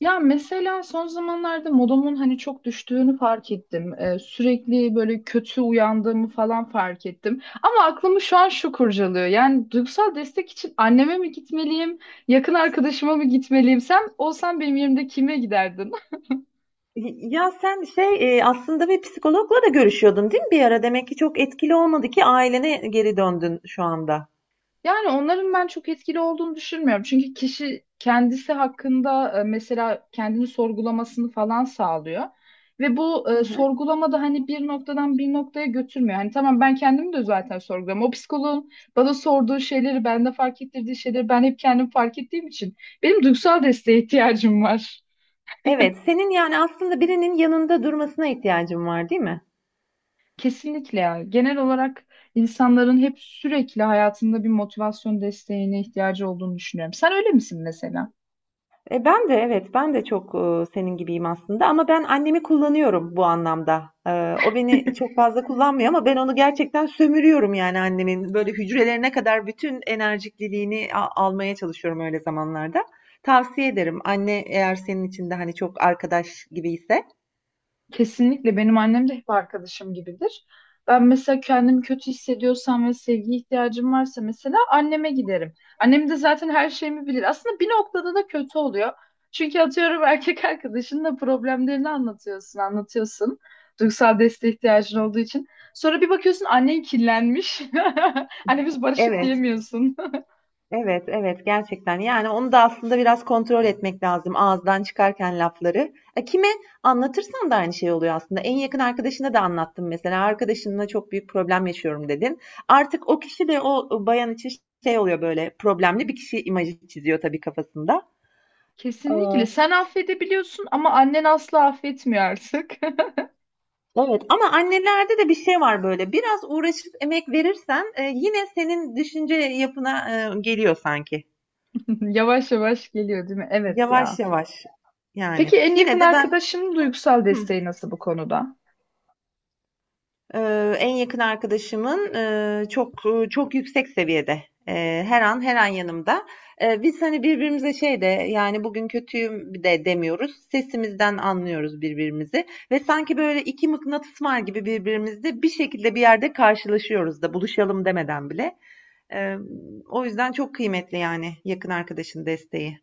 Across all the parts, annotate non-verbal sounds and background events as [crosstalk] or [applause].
Ya mesela son zamanlarda modumun hani çok düştüğünü fark ettim. Sürekli böyle kötü uyandığımı falan fark ettim. Ama aklımı şu an şu kurcalıyor. Yani duygusal destek için anneme mi gitmeliyim, yakın arkadaşıma mı gitmeliyim? Sen olsan benim yerimde kime giderdin? Ya sen aslında bir psikologla da görüşüyordun değil mi bir ara? Demek ki çok etkili olmadı ki ailene geri döndün şu anda. Yani onların ben çok etkili olduğunu düşünmüyorum. Çünkü kişi kendisi hakkında mesela kendini sorgulamasını falan sağlıyor. Ve bu Hı hı. sorgulama da hani bir noktadan bir noktaya götürmüyor. Hani tamam ben kendimi de zaten sorguluyorum. O psikoloğun bana sorduğu şeyleri, bende fark ettirdiği şeyleri ben hep kendim fark ettiğim için benim duygusal desteğe ihtiyacım var. Evet, senin yani aslında birinin yanında durmasına ihtiyacın var, değil mi? Kesinlikle ya. Genel olarak insanların hep sürekli hayatında bir motivasyon desteğine ihtiyacı olduğunu düşünüyorum. Sen öyle misin mesela? Ben de evet, ben de çok senin gibiyim aslında ama ben annemi kullanıyorum bu anlamda. E, o beni çok fazla kullanmıyor ama ben onu gerçekten sömürüyorum yani annemin böyle hücrelerine kadar bütün enerjikliliğini almaya çalışıyorum öyle zamanlarda. Tavsiye ederim anne eğer senin için de hani çok arkadaş gibi ise. Kesinlikle benim annem de hep arkadaşım gibidir. Ben mesela kendimi kötü hissediyorsam ve sevgi ihtiyacım varsa mesela anneme giderim. Annem de zaten her şeyimi bilir. Aslında bir noktada da kötü oluyor. Çünkü atıyorum erkek arkadaşınla problemlerini anlatıyorsun, anlatıyorsun. Duygusal desteğe ihtiyacın olduğu için. Sonra bir bakıyorsun annen kirlenmiş. [laughs] Anne biz barıştık Evet. diyemiyorsun. Evet, evet gerçekten. Yani onu da aslında biraz kontrol etmek lazım ağızdan çıkarken lafları. E, kime anlatırsan da aynı şey oluyor aslında. En yakın arkadaşına da anlattım mesela. Arkadaşınla çok büyük problem yaşıyorum dedin. Artık o kişi de o bayan için şey oluyor böyle problemli bir kişi imajı çiziyor tabii kafasında. [laughs] Kesinlikle. Ee, Sen affedebiliyorsun ama annen asla affetmiyor artık. Evet ama annelerde de bir şey var böyle. Biraz uğraşıp emek verirsen yine senin düşünce yapına geliyor sanki. [laughs] Yavaş yavaş geliyor değil mi? Evet ya. Yavaş yavaş yani. Peki en yakın Yine de ben... arkadaşının duygusal Hı. desteği nasıl bu konuda? En yakın arkadaşımın çok çok yüksek seviyede. Her an her an yanımda. Biz hani birbirimize şey de yani bugün kötüyüm de demiyoruz. Sesimizden anlıyoruz birbirimizi ve sanki böyle iki mıknatıs var gibi birbirimizde bir şekilde bir yerde karşılaşıyoruz da buluşalım demeden bile. Eee, O yüzden çok kıymetli yani yakın arkadaşın desteği.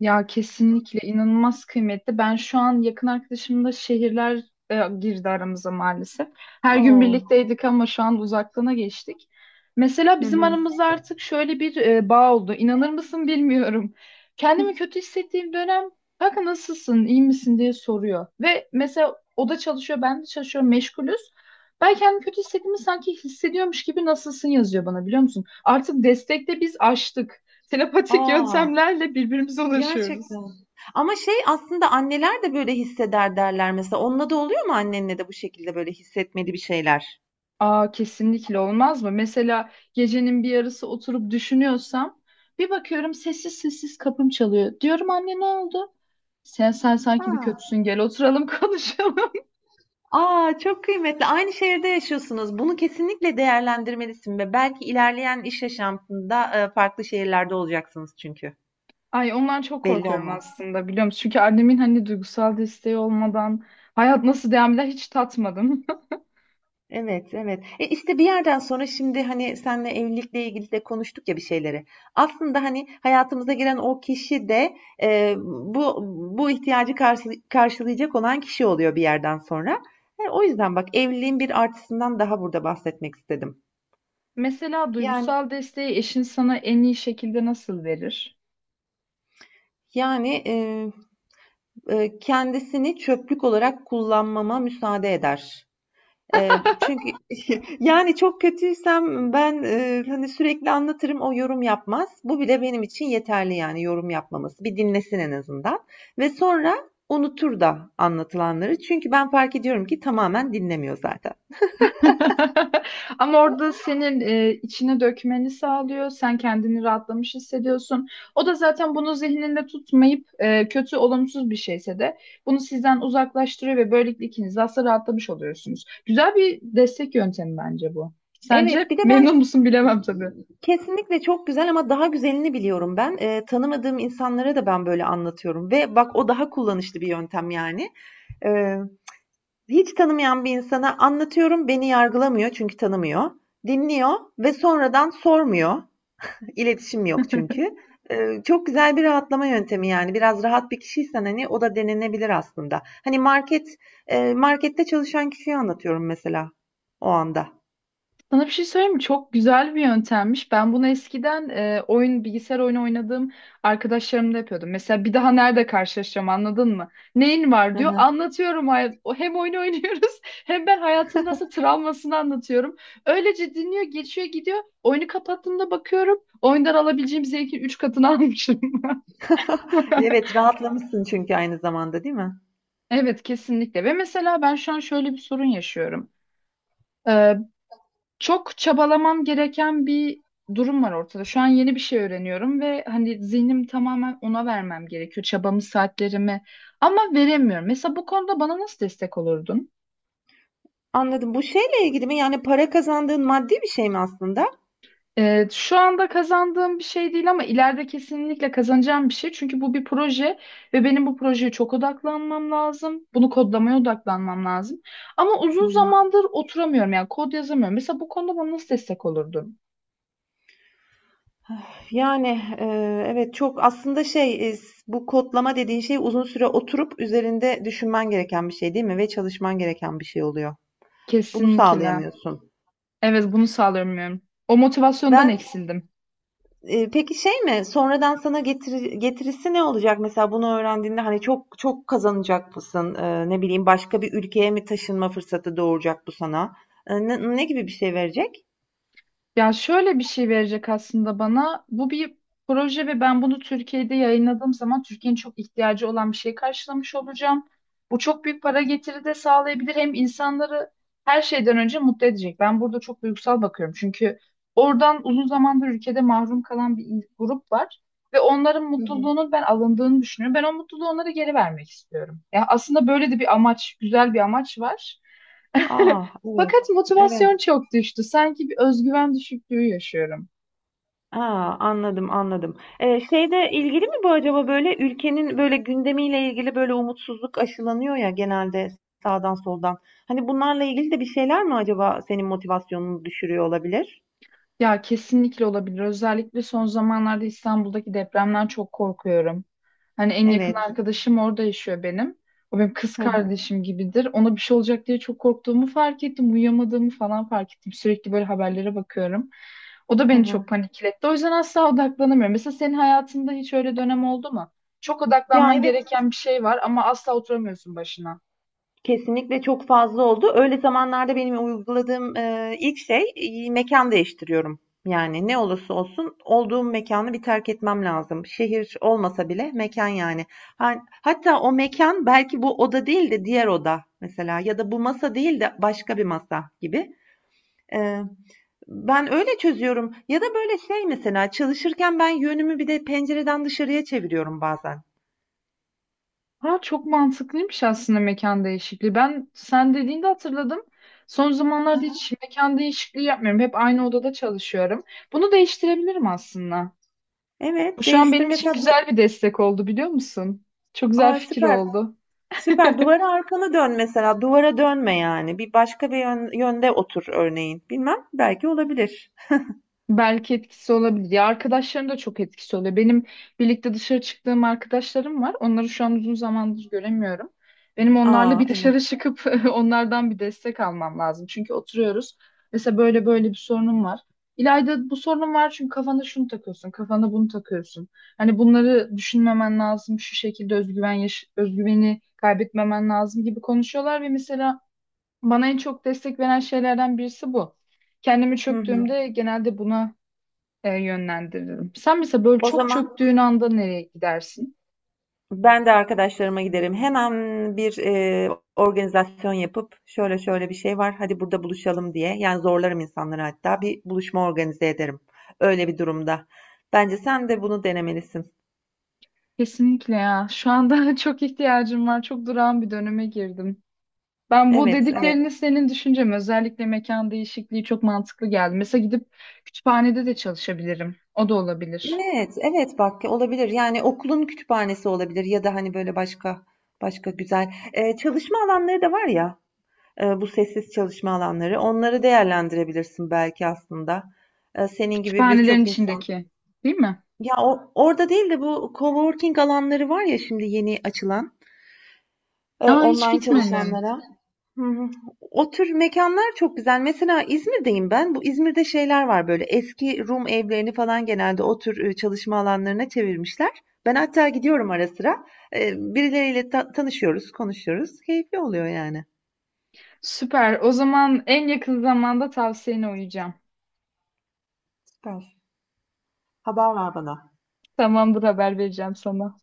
Ya kesinlikle inanılmaz kıymetli. Ben şu an yakın arkadaşımla şehirler e, girdi aramıza maalesef. Her gün Oo. birlikteydik ama şu an uzaklığına geçtik. Mesela Hı bizim hı. aramızda artık şöyle bir bağ oldu. İnanır mısın bilmiyorum. Kendimi kötü hissettiğim dönem kanka nasılsın, iyi misin diye soruyor. Ve mesela o da çalışıyor, ben de çalışıyorum, meşgulüz. Ben kendimi kötü hissettiğimi sanki hissediyormuş gibi nasılsın yazıyor bana biliyor musun? Artık destekte biz aştık, telepatik Aa. yöntemlerle birbirimize ulaşıyoruz. Gerçekten. Ama şey aslında anneler de böyle hisseder derler mesela. Onunla da oluyor mu annenle de bu şekilde böyle hissetmeli bir şeyler? Aa kesinlikle olmaz mı? Mesela gecenin bir yarısı oturup düşünüyorsam bir bakıyorum sessiz sessiz kapım çalıyor. Diyorum anne ne oldu? Sen sanki bir Ha. kötüsün gel oturalım [laughs] konuşalım. Aa çok kıymetli. Aynı şehirde yaşıyorsunuz. Bunu kesinlikle değerlendirmelisin ve belki ilerleyen iş yaşantında farklı şehirlerde olacaksınız çünkü. Ay ondan çok Belli korkuyorum olmaz. aslında biliyor musun? Çünkü annemin hani duygusal desteği olmadan hayat nasıl devam eder hiç tatmadım. Evet, evet. E işte bir yerden sonra şimdi hani senle evlilikle ilgili de konuştuk ya bir şeyleri. Aslında hani hayatımıza giren o kişi de e, bu bu karşılayacak olan kişi oluyor bir yerden sonra. E, o yüzden bak evliliğin bir artısından daha burada bahsetmek istedim. [laughs] Mesela Yani duygusal desteği eşin sana en iyi şekilde nasıl verir? yani kendisini çöplük olarak kullanmama müsaade eder. Çünkü [laughs] yani çok kötüysem ben, hani, sürekli anlatırım, o yorum yapmaz. Bu bile benim için yeterli yani yorum yapmaması. Bir dinlesin en azından ve sonra unutur da anlatılanları. Çünkü ben fark ediyorum ki tamamen dinlemiyor zaten. [laughs] Ama orada senin içine dökmeni sağlıyor. Sen kendini rahatlamış hissediyorsun. O da zaten bunu zihninde tutmayıp kötü, olumsuz bir şeyse de bunu sizden uzaklaştırıyor ve böylelikle ikiniz de aslında rahatlamış oluyorsunuz. Güzel bir destek yöntemi bence bu. Sence Evet, bir de ben memnun musun bilemem tabii. kesinlikle çok güzel ama daha güzelini biliyorum ben. Tanımadığım insanlara da ben böyle anlatıyorum ve bak o daha kullanışlı bir yöntem yani. Hiç tanımayan bir insana anlatıyorum, beni yargılamıyor çünkü tanımıyor. Dinliyor ve sonradan sormuyor. İletişim yok çünkü. Çok güzel bir rahatlama yöntemi yani. Biraz rahat bir kişiysen hani o da denenebilir aslında. Hani markette çalışan kişiyi anlatıyorum mesela o anda. Sana bir şey söyleyeyim mi? Çok güzel bir yöntemmiş. Ben bunu eskiden oyun bilgisayar oyunu oynadığım arkadaşlarımda yapıyordum. Mesela bir daha nerede karşılaşacağım anladın mı? Neyin var Hı diyor. hı. Anlatıyorum. Hem oyunu [laughs] oynuyoruz hem ben hayatımın nasıl travmasını anlatıyorum. Öylece dinliyor, geçiyor, gidiyor. Oyunu kapattığımda bakıyorum. Oyundan alabileceğim zevkin 3 katını [laughs] almışım. [laughs] Evet, rahatlamışsın çünkü aynı zamanda değil mi? Evet kesinlikle ve mesela ben şu an şöyle bir sorun yaşıyorum. Ee, Çok çabalamam gereken bir durum var ortada. Şu an yeni bir şey öğreniyorum ve hani zihnim tamamen ona vermem gerekiyor. Çabamı, saatlerimi ama veremiyorum. Mesela bu konuda bana nasıl destek olurdun? Anladım. Bu şeyle ilgili mi? Yani para kazandığın maddi bir şey mi aslında? Şu anda kazandığım bir şey değil ama ileride kesinlikle kazanacağım bir şey. Çünkü bu bir proje ve benim bu projeye çok odaklanmam lazım. Bunu kodlamaya odaklanmam lazım. Ama Hı uzun hı. zamandır oturamıyorum yani kod yazamıyorum. Mesela bu konuda bana nasıl destek olurdun? Evet, çok aslında şey, iss bu kodlama dediğin şey uzun süre oturup üzerinde düşünmen gereken bir şey değil mi ve çalışman gereken bir şey oluyor. Bunu Kesinlikle. sağlayamıyorsun. Evet bunu sağlayamıyorum. O motivasyondan Ben, eksildim. Peki şey mi, sonradan sana getirisi ne olacak mesela bunu öğrendiğinde? Hani çok çok kazanacak mısın? Ne bileyim başka bir ülkeye mi taşınma fırsatı doğuracak bu sana? Ne gibi bir şey verecek? Ya şöyle bir şey verecek aslında bana. Bu bir proje ve ben bunu Türkiye'de yayınladığım zaman Türkiye'nin çok ihtiyacı olan bir şey karşılamış olacağım. Bu çok büyük para getiri de sağlayabilir. Hem insanları her şeyden önce mutlu edecek. Ben burada çok duygusal bakıyorum. Çünkü oradan uzun zamandır ülkede mahrum kalan bir grup var. Ve onların mutluluğunun ben alındığını düşünüyorum. Ben o mutluluğu onlara geri vermek istiyorum. Ya aslında böyle de bir amaç, güzel bir amaç var. A! [laughs] Evet, Fakat evet. motivasyon çok düştü. Sanki bir özgüven düşüklüğü yaşıyorum. Aa, anladım anladım. Şeyde ilgili mi bu acaba böyle ülkenin böyle gündemiyle ilgili böyle umutsuzluk aşılanıyor ya genelde sağdan soldan. Hani bunlarla ilgili de bir şeyler mi acaba senin motivasyonunu düşürüyor olabilir? Ya kesinlikle olabilir. Özellikle son zamanlarda İstanbul'daki depremden çok korkuyorum. Hani en yakın Evet. arkadaşım orada yaşıyor benim. O benim kız Hı hı, kardeşim gibidir. Ona bir şey olacak diye çok korktuğumu fark ettim. Uyuyamadığımı falan fark ettim. Sürekli böyle haberlere bakıyorum. O da hı beni çok hı. panikletti. O yüzden asla odaklanamıyorum. Mesela senin hayatında hiç öyle dönem oldu mu? Çok Ya odaklanman evet gereken bir şey var ama asla oturamıyorsun başına. kesinlikle çok fazla oldu. Öyle zamanlarda benim uyguladığım, ilk şey, mekân değiştiriyorum. Yani ne olursa olsun olduğum mekânı bir terk etmem lazım. Şehir olmasa bile mekan yani. Han hatta o mekan belki bu oda değil de diğer oda mesela ya da bu masa değil de başka bir masa gibi. Eee, Ben öyle çözüyorum ya da böyle şey mesela çalışırken ben yönümü bir de pencereden dışarıya çeviriyorum bazen. Ha, çok mantıklıymış aslında mekan değişikliği. Ben sen dediğinde hatırladım. Son zamanlarda hiç mekan değişikliği yapmıyorum. Hep aynı odada çalışıyorum. Bunu değiştirebilirim aslında. Bu Evet, şu an değiştir benim için mesela bu. güzel bir destek oldu biliyor musun? Çok güzel A, fikir süper. oldu. Süper. [laughs] Duvara arkanı dön mesela. Duvara dönme yani. Bir başka bir yönde otur örneğin. Bilmem. Belki olabilir. Belki etkisi olabilir. Ya arkadaşların da çok etkisi oluyor. Benim birlikte dışarı çıktığım arkadaşlarım var. Onları şu an uzun zamandır göremiyorum. Benim onlarla Aa bir evet. dışarı çıkıp [laughs] onlardan bir destek almam lazım. Çünkü oturuyoruz. Mesela böyle böyle bir sorunum var. İlayda bu sorunum var çünkü kafana şunu takıyorsun, kafana bunu takıyorsun. Hani bunları düşünmemen lazım, şu şekilde özgüveni kaybetmemen lazım gibi konuşuyorlar ve mesela bana en çok destek veren şeylerden birisi bu, kendimi Hı hı. çöktüğümde genelde buna yönlendiririm. Sen mesela böyle O çok zaman çöktüğün anda nereye gidersin? ben de arkadaşlarıma giderim. Hemen bir organizasyon yapıp şöyle şöyle bir şey var. Hadi burada buluşalım diye. Yani zorlarım insanları hatta. Bir buluşma organize ederim. Öyle bir durumda. Bence sen de bunu denemelisin. Kesinlikle ya. Şu anda [laughs] çok ihtiyacım var. Çok durağan bir döneme girdim. Ben bu Evet, evet. dediklerini senin düşüncem özellikle mekan değişikliği çok mantıklı geldi. Mesela gidip kütüphanede de çalışabilirim. O da olabilir. Evet, evet bak olabilir. Yani okulun kütüphanesi olabilir ya da hani böyle başka başka güzel çalışma alanları da var ya bu sessiz çalışma alanları. Onları değerlendirebilirsin belki aslında. Senin gibi Kütüphanelerin birçok insan. içindeki, değil mi? Ya orada değil de bu coworking alanları var ya şimdi yeni açılan Aa hiç online gitmedim. çalışanlara. Hı hı. O tür mekanlar çok güzel. Mesela İzmir'deyim ben. Bu İzmir'de şeyler var böyle eski Rum evlerini falan genelde o tür çalışma alanlarına çevirmişler. Ben hatta gidiyorum ara sıra. Birileriyle tanışıyoruz, konuşuyoruz. Keyifli oluyor yani. Süper. O zaman en yakın zamanda tavsiyene uyacağım. Süper. Haber ver bana. Tamamdır haber vereceğim sana.